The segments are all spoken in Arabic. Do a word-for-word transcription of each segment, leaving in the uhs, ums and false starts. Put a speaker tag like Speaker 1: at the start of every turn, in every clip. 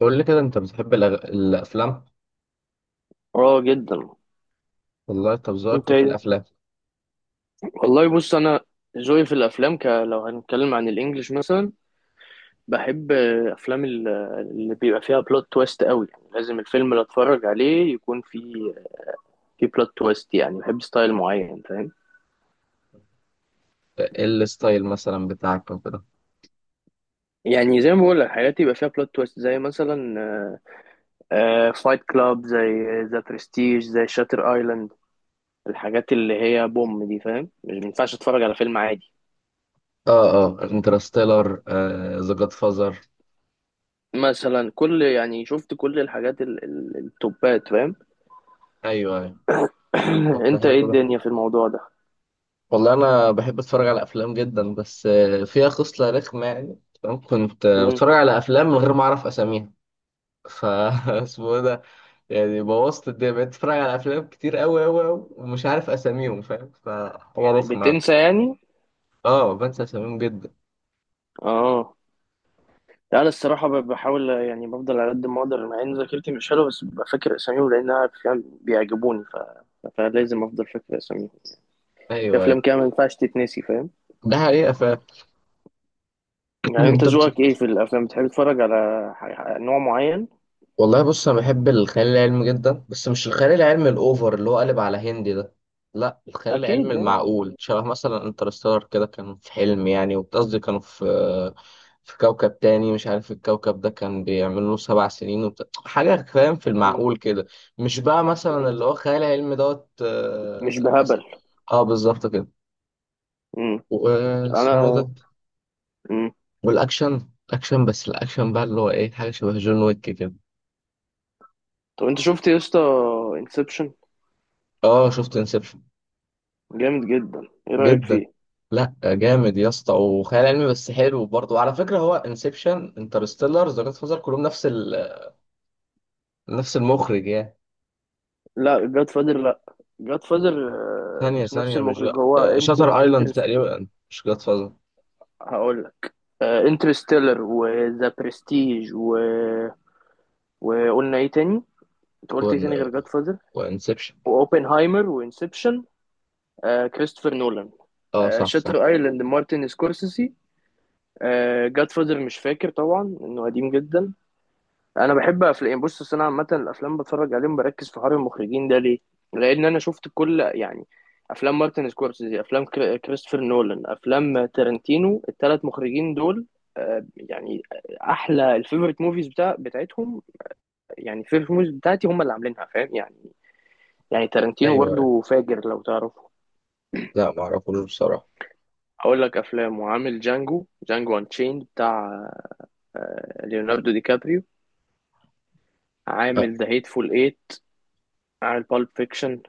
Speaker 1: قول لي كده انت بتحب الأغ... الافلام؟
Speaker 2: اه جدا.
Speaker 1: والله، طب ذوقك
Speaker 2: انت
Speaker 1: ايه في
Speaker 2: ايه ده؟
Speaker 1: الافلام؟
Speaker 2: والله بص، انا ذوقي في الافلام ك... لو هنتكلم عن الانجليش مثلا، بحب آه، افلام ال- اللي بيبقى فيها بلوت تويست قوي. يعني لازم الفيلم اللي اتفرج عليه يكون فيه في بلوت تويست، يعني بحب ستايل معين، فاهم.
Speaker 1: ايه الستايل مثلا بتاعك وكده؟
Speaker 2: يعني زي ما بقول لك، حاجات يبقى فيها بلوت تويست، زي مثلا فايت كلاب، زي ذا برستيج، زي شاتر ايلاند. الحاجات اللي هي بوم دي، فاهم؟ مش ما ينفعش اتفرج على فيلم عادي.
Speaker 1: اه، اه، انترستيلر، ذا جاد فازر.
Speaker 2: مثلا كل، يعني شفت كل الحاجات ال- ال- التوبات، فاهم؟
Speaker 1: ايوه، ايوه. طب ده
Speaker 2: انت ايه
Speaker 1: حلو ده.
Speaker 2: الدنيا في الموضوع ده؟
Speaker 1: والله انا بحب اتفرج على افلام جدا، بس آه، فيها خصله رخمه يعني. تمام؟ كنت آه،
Speaker 2: مم.
Speaker 1: بتفرج على افلام من غير ما اعرف اساميها. فا اسمه إيه ده؟ يعني بوظت الدنيا، بقيت اتفرج على افلام كتير قوي قوي قوي ومش عارف اساميهم فاهم، فحاجه رخمه يعني.
Speaker 2: بتنسى يعني؟
Speaker 1: اه، بنسى اساميهم جدا.
Speaker 2: اه. لا انا الصراحه ب- بحاول، يعني بفضل على قد ما اقدر، مع ان ذاكرتي مش حلوه بس ببقى فاكر اساميهم لانها فعلا بيعجبوني ف... فلازم افضل فاكر اساميهم. في
Speaker 1: ايوه،
Speaker 2: افلام
Speaker 1: ايوه.
Speaker 2: كده ما ينفعش تتنسي، فاهم؟
Speaker 1: ده حقيقة فعلا.
Speaker 2: يعني انت
Speaker 1: طب.
Speaker 2: ذوقك ايه في الافلام؟ بتحب تتفرج على ح- نوع معين؟
Speaker 1: والله، بص، انا بحب الخيال العلمي جدا، بس مش الخيال العلمي الاوفر اللي هو قالب على هندي ده. لا، الخيال العلمي
Speaker 2: اكيد يعني.
Speaker 1: المعقول، شبه مثلا انترستار كده، كان في حلم يعني، وقصدي كانوا في في كوكب تاني، مش عارف الكوكب ده كان بيعملوا له سبع سنين وبتاع حاجة فاهم، في
Speaker 2: مم.
Speaker 1: المعقول كده. مش بقى مثلا
Speaker 2: مم.
Speaker 1: اللي هو خيال علمي دوت
Speaker 2: مش
Speaker 1: آه، مثلا.
Speaker 2: بهبل.
Speaker 1: اه، بالظبط كده.
Speaker 2: مم.
Speaker 1: واسمه ده.
Speaker 2: انا. مم.
Speaker 1: والاكشن اكشن، بس الاكشن بقى اللي هو ايه، حاجة شبه جون ويك كده.
Speaker 2: طب انت شفت يا اسطى انسبشن؟
Speaker 1: اه، شفت انسبشن.
Speaker 2: جامد جدا، ايه رايك
Speaker 1: جدا.
Speaker 2: فيه؟
Speaker 1: لا، جامد يا اسطى، وخيال علمي بس حلو برضه. وعلى فكره، هو انسبشن، انترستيلر، ذا جاد فازر، كلهم نفس ال... نفس المخرج يعني.
Speaker 2: لا جاد فادر لا، جاد فادر
Speaker 1: ثانيه
Speaker 2: مش نفس
Speaker 1: ثانيه، مش
Speaker 2: المخرج.
Speaker 1: لا.
Speaker 2: هو انتر
Speaker 1: شاتر ايلاند
Speaker 2: انترست
Speaker 1: تقريبا، مش جاد فازر.
Speaker 2: هقول لك، انترستيلر وذا برستيج و... وقلنا ايه تاني؟ انت قلت ايه
Speaker 1: وان...
Speaker 2: تاني غير جاد فادر؟
Speaker 1: وانسبشن.
Speaker 2: واوبنهايمر وانسبشن. آه، كريستوفر نولان.
Speaker 1: اه،
Speaker 2: آه،
Speaker 1: صح، صح.
Speaker 2: شاتر ايلاند مارتن سكورسيسي. آه، جاد فادر مش فاكر طبعا انه قديم جدا. انا بحب افلام، بص أصل انا عامه الافلام بتفرج عليهم بركز في حوار المخرجين. ده ليه؟ لان انا شفت كل، يعني افلام مارتن سكورسيزي، افلام كري- كريستوفر نولان، افلام تارنتينو. الثلاث مخرجين دول آه، يعني احلى الفيفوريت موفيز بتاع بتاعتهم، يعني الفيفوريت موفيز بتاعتي هم اللي عاملينها، فاهم؟ يعني يعني تارنتينو
Speaker 1: ايوه، أيوه.
Speaker 2: برضه فاجر لو تعرفه.
Speaker 1: لا ما اعرفوش بصراحه آه،
Speaker 2: اقول لك افلام، وعامل جانجو جانجو انشيند بتاع ليوناردو دي كابريو، عامل ذا هيتفول ايت، عامل بالب فيكشن.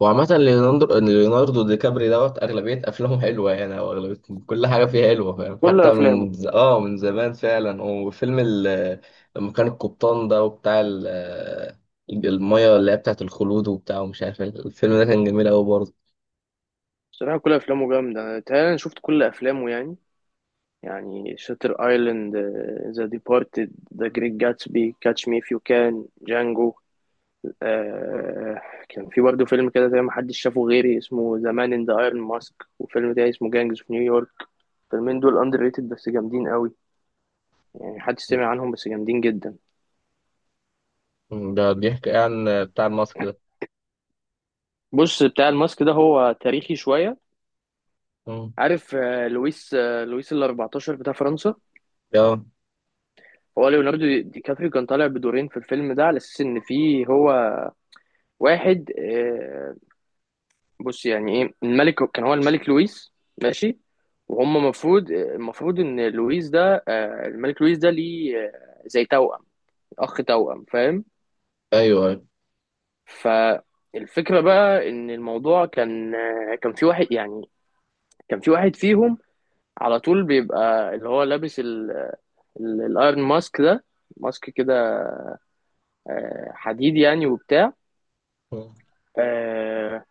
Speaker 1: وعامة ليوناردو، ليوناردو دي كابري دوت أغلبية أفلامه حلوة يعني، أو أغلبية كل حاجة فيها حلوة فاهم،
Speaker 2: كل
Speaker 1: حتى
Speaker 2: افلامه.
Speaker 1: من ز... آه من زمان فعلا، وفيلم ال... لما كان القبطان ده وبتاع ال... المية اللي هي بتاعة الخلود وبتاع ومش عارف إيه. الفيلم ده كان جميل أوي برضه.
Speaker 2: بصراحة كل أفلامه جامدة، تهيألي أنا شفت كل أفلامه يعني. يعني شاتر أيلاند، ذا ديبارتد، ذا جريت جاتسبي، كاتش مي إف يو كان، جانجو. آه، كان في برضه فيلم كده زي ما حدش شافه غيري اسمه ذا مان إن ذا أيرون ماسك، وفيلم تاني اسمه جانجز في نيويورك. الفيلمين دول أندر ريتد بس جامدين قوي، يعني محدش سمع عنهم بس جامدين جدا.
Speaker 1: م. ده بيحكي عن بتاع الماسك ده.
Speaker 2: بص، بتاع الماسك ده هو تاريخي شوية.
Speaker 1: م.
Speaker 2: عارف آه، لويس، آه، لويس ال الرابع عشر بتاع فرنسا.
Speaker 1: آه.
Speaker 2: هو ليوناردو دي دي كابريو كان طالع بدورين في الفيلم ده، على اساس ان فيه هو واحد، آه، بص يعني ايه، الملك كان هو الملك لويس. ماشي. وهم المفروض المفروض ان لويس ده آه، الملك لويس ده ليه آه، زي توأم، اخ توأم، فاهم؟
Speaker 1: أيوه، أيوه.
Speaker 2: فالفكرة بقى ان الموضوع كان، آه، كان في واحد يعني، كان في واحد فيهم على طول بيبقى اللي هو لابس ال- ال- الايرون ماسك ده، ماسك كده آه، حديد يعني، وبتاع
Speaker 1: م.
Speaker 2: آه،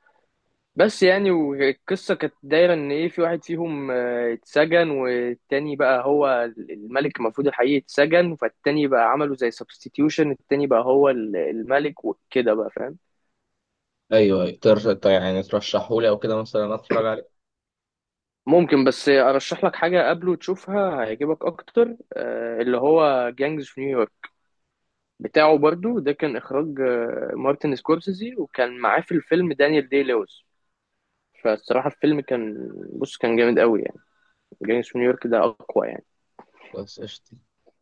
Speaker 2: بس يعني، والقصة كانت دايرة إن إيه، في واحد فيهم آه، اتسجن، والتاني بقى هو الملك المفروض الحقيقي اتسجن، فالتاني بقى عملوا زي سبستيتيوشن، التاني بقى هو ال- الملك وكده بقى، فاهم؟
Speaker 1: أيوه، أيوه، تر... طيب يعني ترشحهولي أو كده مثلا أتفرج عليه.
Speaker 2: ممكن، بس أرشح لك حاجة قبله تشوفها هيعجبك أكتر، آه، اللي هو جانجز في نيويورك بتاعه برضو، ده كان إخراج آه، مارتن سكورسيزي، وكان معاه في الفيلم دانيال دي لويس. فالصراحة الفيلم كان بص كان جامد قوي يعني. جانجز في نيويورك ده أقوى يعني.
Speaker 1: بس قشطة.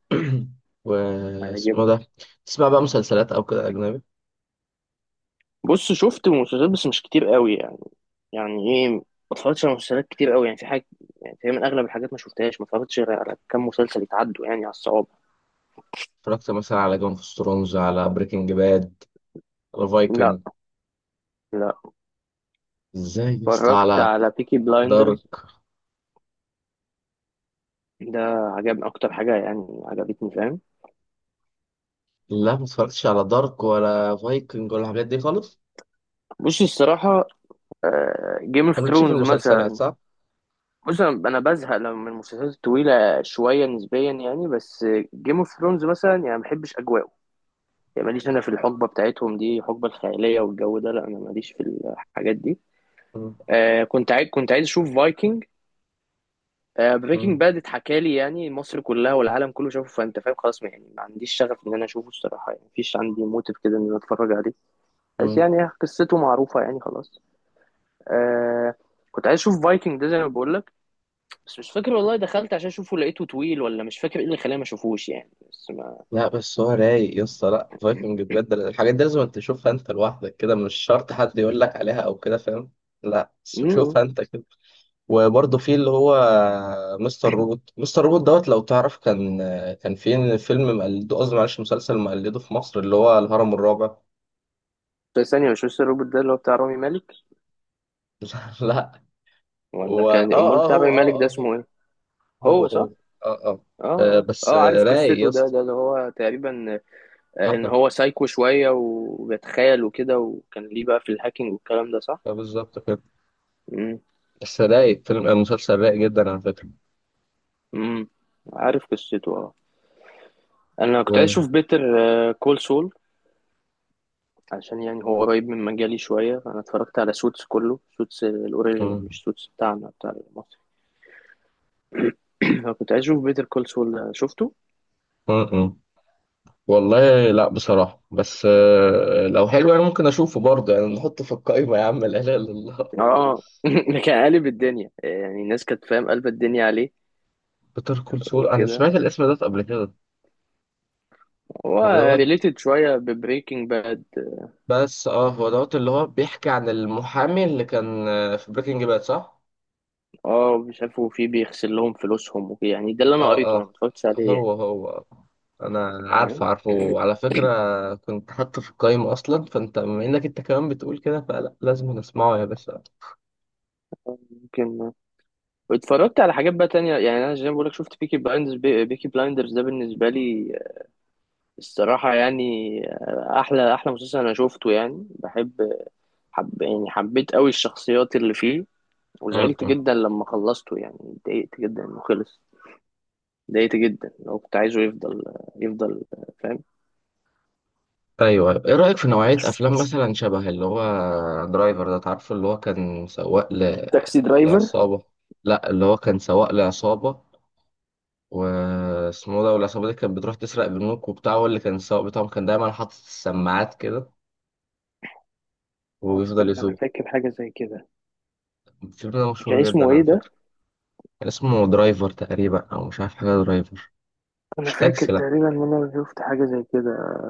Speaker 1: واسمه
Speaker 2: هيعجبك.
Speaker 1: ده. تسمع بقى مسلسلات أو كده أجنبي؟
Speaker 2: بص شفت مسلسلات بس مش كتير قوي يعني. يعني ايه، ما اتفرجتش على مسلسلات كتير قوي يعني، في حاجه، يعني في من اغلب الحاجات ما شفتهاش، ما اتفرجتش غير على كام مسلسل يتعدوا يعني على الصوابع.
Speaker 1: اتفرجت مثلا على جيم اوف ثرونز، على بريكنج باد، على
Speaker 2: لا.
Speaker 1: فايكنج؟
Speaker 2: لا.
Speaker 1: ازاي يا اسطى؟
Speaker 2: اتفرجت
Speaker 1: على
Speaker 2: على بيكي بلايندرز.
Speaker 1: دارك.
Speaker 2: ده عجبني اكتر حاجه، يعني عجبتني، فاهم؟
Speaker 1: لا، ما اتفرجتش على دارك ولا فايكنج ولا الحاجات دي خالص.
Speaker 2: بص الصراحه، جيم اوف
Speaker 1: انت مالكش في
Speaker 2: ثرونز
Speaker 1: المسلسلات،
Speaker 2: مثلا.
Speaker 1: صح؟
Speaker 2: بص انا أنا بزهق لما من المسلسلات الطويله شويه نسبيا يعني بس. جيم اوف ثرونز مثلا يعني ما بحبش اجواءه، يعني ماليش انا في الحقبه بتاعتهم دي، الحقبه الخياليه والجو ده، لا انا ماليش في الحاجات دي.
Speaker 1: مم.
Speaker 2: آه، كنت عايز كنت عايز اشوف فايكنج. آه، بريكنج
Speaker 1: مم.
Speaker 2: باد اتحكى لي يعني مصر كلها والعالم كله شافه، فانت فاهم خلاص، ما- يعني ما عنديش شغف ان انا اشوفه الصراحه يعني، مفيش عندي موتيف كده ان انا اتفرج عليه. بس
Speaker 1: مم.
Speaker 2: يعني قصته معروفه يعني خلاص. آه، كنت عايز اشوف فايكنج ده زي ما بقول لك، بس مش فاكر والله، دخلت عشان اشوفه لقيته طويل، ولا مش فاكر ايه اللي خلاني ما اشوفوش يعني، بس ما
Speaker 1: لا، بس هو رايق يا اسطى. لا، فايكنج بجد الحاجات دي لازم انت تشوفها انت لوحدك كده، مش شرط حد يقول لك عليها او كده فاهم؟ لا، بس
Speaker 2: م- م.
Speaker 1: شوفها انت كده. وبرضه في اللي هو مستر روبوت، مستر روبوت دوت لو تعرف كان كان في فيلم مقلده، قصدي معلش مسلسل مقلده في مصر اللي هو الهرم الرابع.
Speaker 2: بس ثانيه، مش مستر روبوت ده اللي هو بتاع رامي مالك؟
Speaker 1: لا، لا.
Speaker 2: ولا
Speaker 1: هو، اه.
Speaker 2: كان امال
Speaker 1: اه،
Speaker 2: بتاع
Speaker 1: هو،
Speaker 2: رامي مالك ده
Speaker 1: اه، اه.
Speaker 2: اسمه ايه؟
Speaker 1: هو،
Speaker 2: هو
Speaker 1: هو، هو.
Speaker 2: صح.
Speaker 1: اه، اه.
Speaker 2: اه
Speaker 1: آه،
Speaker 2: اه
Speaker 1: بس
Speaker 2: اه،
Speaker 1: آه،
Speaker 2: عارف
Speaker 1: رايق يا
Speaker 2: قصته. ده
Speaker 1: اسطى.
Speaker 2: ده اللي هو تقريبا
Speaker 1: آه،
Speaker 2: ان
Speaker 1: آه.
Speaker 2: هو سايكو شويه وبيتخيل وكده، وكان ليه بقى في الهاكينج والكلام ده، صح.
Speaker 1: آه، بالظبط كده.
Speaker 2: امم
Speaker 1: بس رايق فيلم آه، مسلسل رايق جدا على فكرة.
Speaker 2: امم عارف قصته اه. انا كنت عايز
Speaker 1: و...
Speaker 2: اشوف بيتر كول سول، عشان يعني هو قريب من مجالي شويه. انا اتفرجت على سوتس كله، سوتس
Speaker 1: م-.
Speaker 2: الاوريجينال مش سوتس بتاعنا بتاع مصر. انا كنت عايز اشوف بيتر كول سول شفته.
Speaker 1: م-. م. والله لا بصراحة، بس آه، لو حلو انا ممكن اشوفه برضه يعني، نحطه في القائمة. يا عم لا اله الا الله.
Speaker 2: اه ده كان قالب الدنيا، يعني الناس كانت، فاهم؟ قلب الدنيا عليه
Speaker 1: بيتر كول سول، انا
Speaker 2: وكده.
Speaker 1: سمعت الاسم ده قبل كده.
Speaker 2: هو
Speaker 1: هو دوت.
Speaker 2: ريليتد شويه ببريكنج باد.
Speaker 1: بس اه هو دوت اللي هو بيحكي عن المحامي اللي كان آه، في بريكنج باد، صح؟
Speaker 2: اه مش عارف، وفي بيغسل لهم فلوسهم وكده يعني، ده اللي انا
Speaker 1: اه،
Speaker 2: قريته، انا
Speaker 1: اه.
Speaker 2: ما اتفرجتش عليه يعني.
Speaker 1: هو، هو. انا عارفه،
Speaker 2: تمام؟
Speaker 1: عارفه على فكره، كنت حاطه في القايمه اصلا. فانت بما انك انت كمان بتقول كده، فلا لازم نسمعه يا باشا.
Speaker 2: ممكن. واتفرجت على حاجات بقى تانية يعني. انا زي ما بقولك شفت بيكي بلايندرز، بي... بيكي بلايندرز ده بالنسبة لي الصراحة يعني آه، احلى احلى مسلسل انا شفته، يعني بحب حب... يعني حبيت قوي الشخصيات اللي فيه،
Speaker 1: م-.
Speaker 2: وزعلت
Speaker 1: م.
Speaker 2: جدا لما خلصته يعني، اتضايقت جدا انه خلص. اتضايقت جدا، لو كنت عايزه يفضل، يفضل، فاهم؟
Speaker 1: ايوه، أيوة. ايه رايك في نوعيه افلام مثلا شبه اللي هو درايفر، ده تعرفه، اللي هو كان سواق ل...
Speaker 2: تاكسي درايفر.
Speaker 1: لعصابه. لا، اللي هو كان سواق لعصابه. واسمه ده، والعصابة دي كانت بتروح تسرق بنوك وبتاع، واللي كان السواق بتاعهم كان دايما حاطط السماعات كده
Speaker 2: اه
Speaker 1: وبيفضل
Speaker 2: استنى انا
Speaker 1: يسوق.
Speaker 2: فاكر حاجة زي كده.
Speaker 1: الفيلم ده
Speaker 2: كان
Speaker 1: مشهور
Speaker 2: اسمه
Speaker 1: جدا
Speaker 2: ايه
Speaker 1: على فكرة.
Speaker 2: ده؟
Speaker 1: كان اسمه درايفر تقريبا، أو مش عارف، حاجة درايفر،
Speaker 2: انا
Speaker 1: مش
Speaker 2: فاكر
Speaker 1: تاكسي لأ.
Speaker 2: تقريبا ان انا شفت حاجه زي كده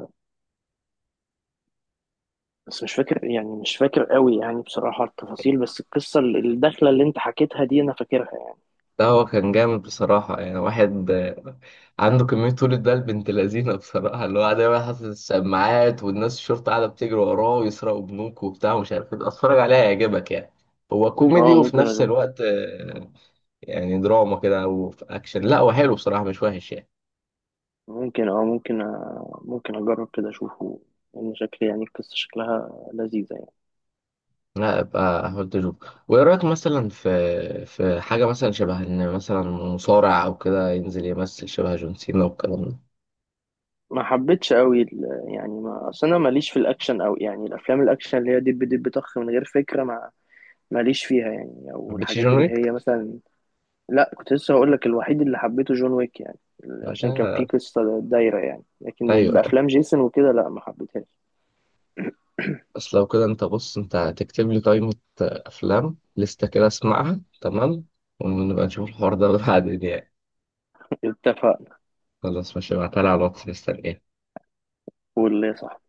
Speaker 2: بس مش فاكر يعني، مش فاكر قوي يعني بصراحه التفاصيل، بس القصه الداخله اللي انت حكيتها دي انا فاكرها يعني.
Speaker 1: ده هو كان جامد بصراحة، يعني واحد آه، عنده كمية طولة، ده بنت لذينة بصراحة، اللي هو دايما حاطط السماعات والناس الشرطة قاعدة بتجري وراه ويسرقوا بنوك وبتاع ومش عارف ايه. اتفرج عليها هيعجبك يعني. هو كوميدي
Speaker 2: اه
Speaker 1: وفي
Speaker 2: ممكن
Speaker 1: نفس
Speaker 2: اشوف.
Speaker 1: الوقت يعني دراما كده، او في اكشن. لا، هو حلو بصراحه، مش وحش يعني.
Speaker 2: ممكن اه، ممكن أ... ممكن اجرب كده اشوفه، لان شكل، يعني القصه شكلها لذيذه يعني.
Speaker 1: لا، ابقى هولد اشوف. وايه رايك مثلا في في حاجه مثلا شبه ان مثلا مصارع او كده ينزل يمثل شبه جون سينا والكلام ده؟ ما
Speaker 2: ما حبيتش قوي ال... يعني ما اصل انا ماليش في الاكشن قوي يعني، الافلام الاكشن اللي هي دب دب طخ من غير فكره، ما ماليش فيها يعني، او
Speaker 1: حبيتش
Speaker 2: الحاجات
Speaker 1: جون
Speaker 2: اللي هي
Speaker 1: ويك
Speaker 2: مثلا. لا كنت لسه هقول لك، الوحيد اللي حبيته جون ويك يعني، عشان كان فيه
Speaker 1: ده؟
Speaker 2: قصة دايرة يعني، لكن
Speaker 1: ايوه.
Speaker 2: بأفلام جيسون وكده لا ما حبيتهاش.
Speaker 1: بس لو كده، انت بص، انت هتكتب لي قائمه افلام، لسته كده اسمعها، تمام؟ ونبقى نشوف الحوار ده بعدين يعني.
Speaker 2: اتفقنا.
Speaker 1: خلاص، ماشي، ابعتها لي على الواتس، مستنيك.
Speaker 2: واللي صح.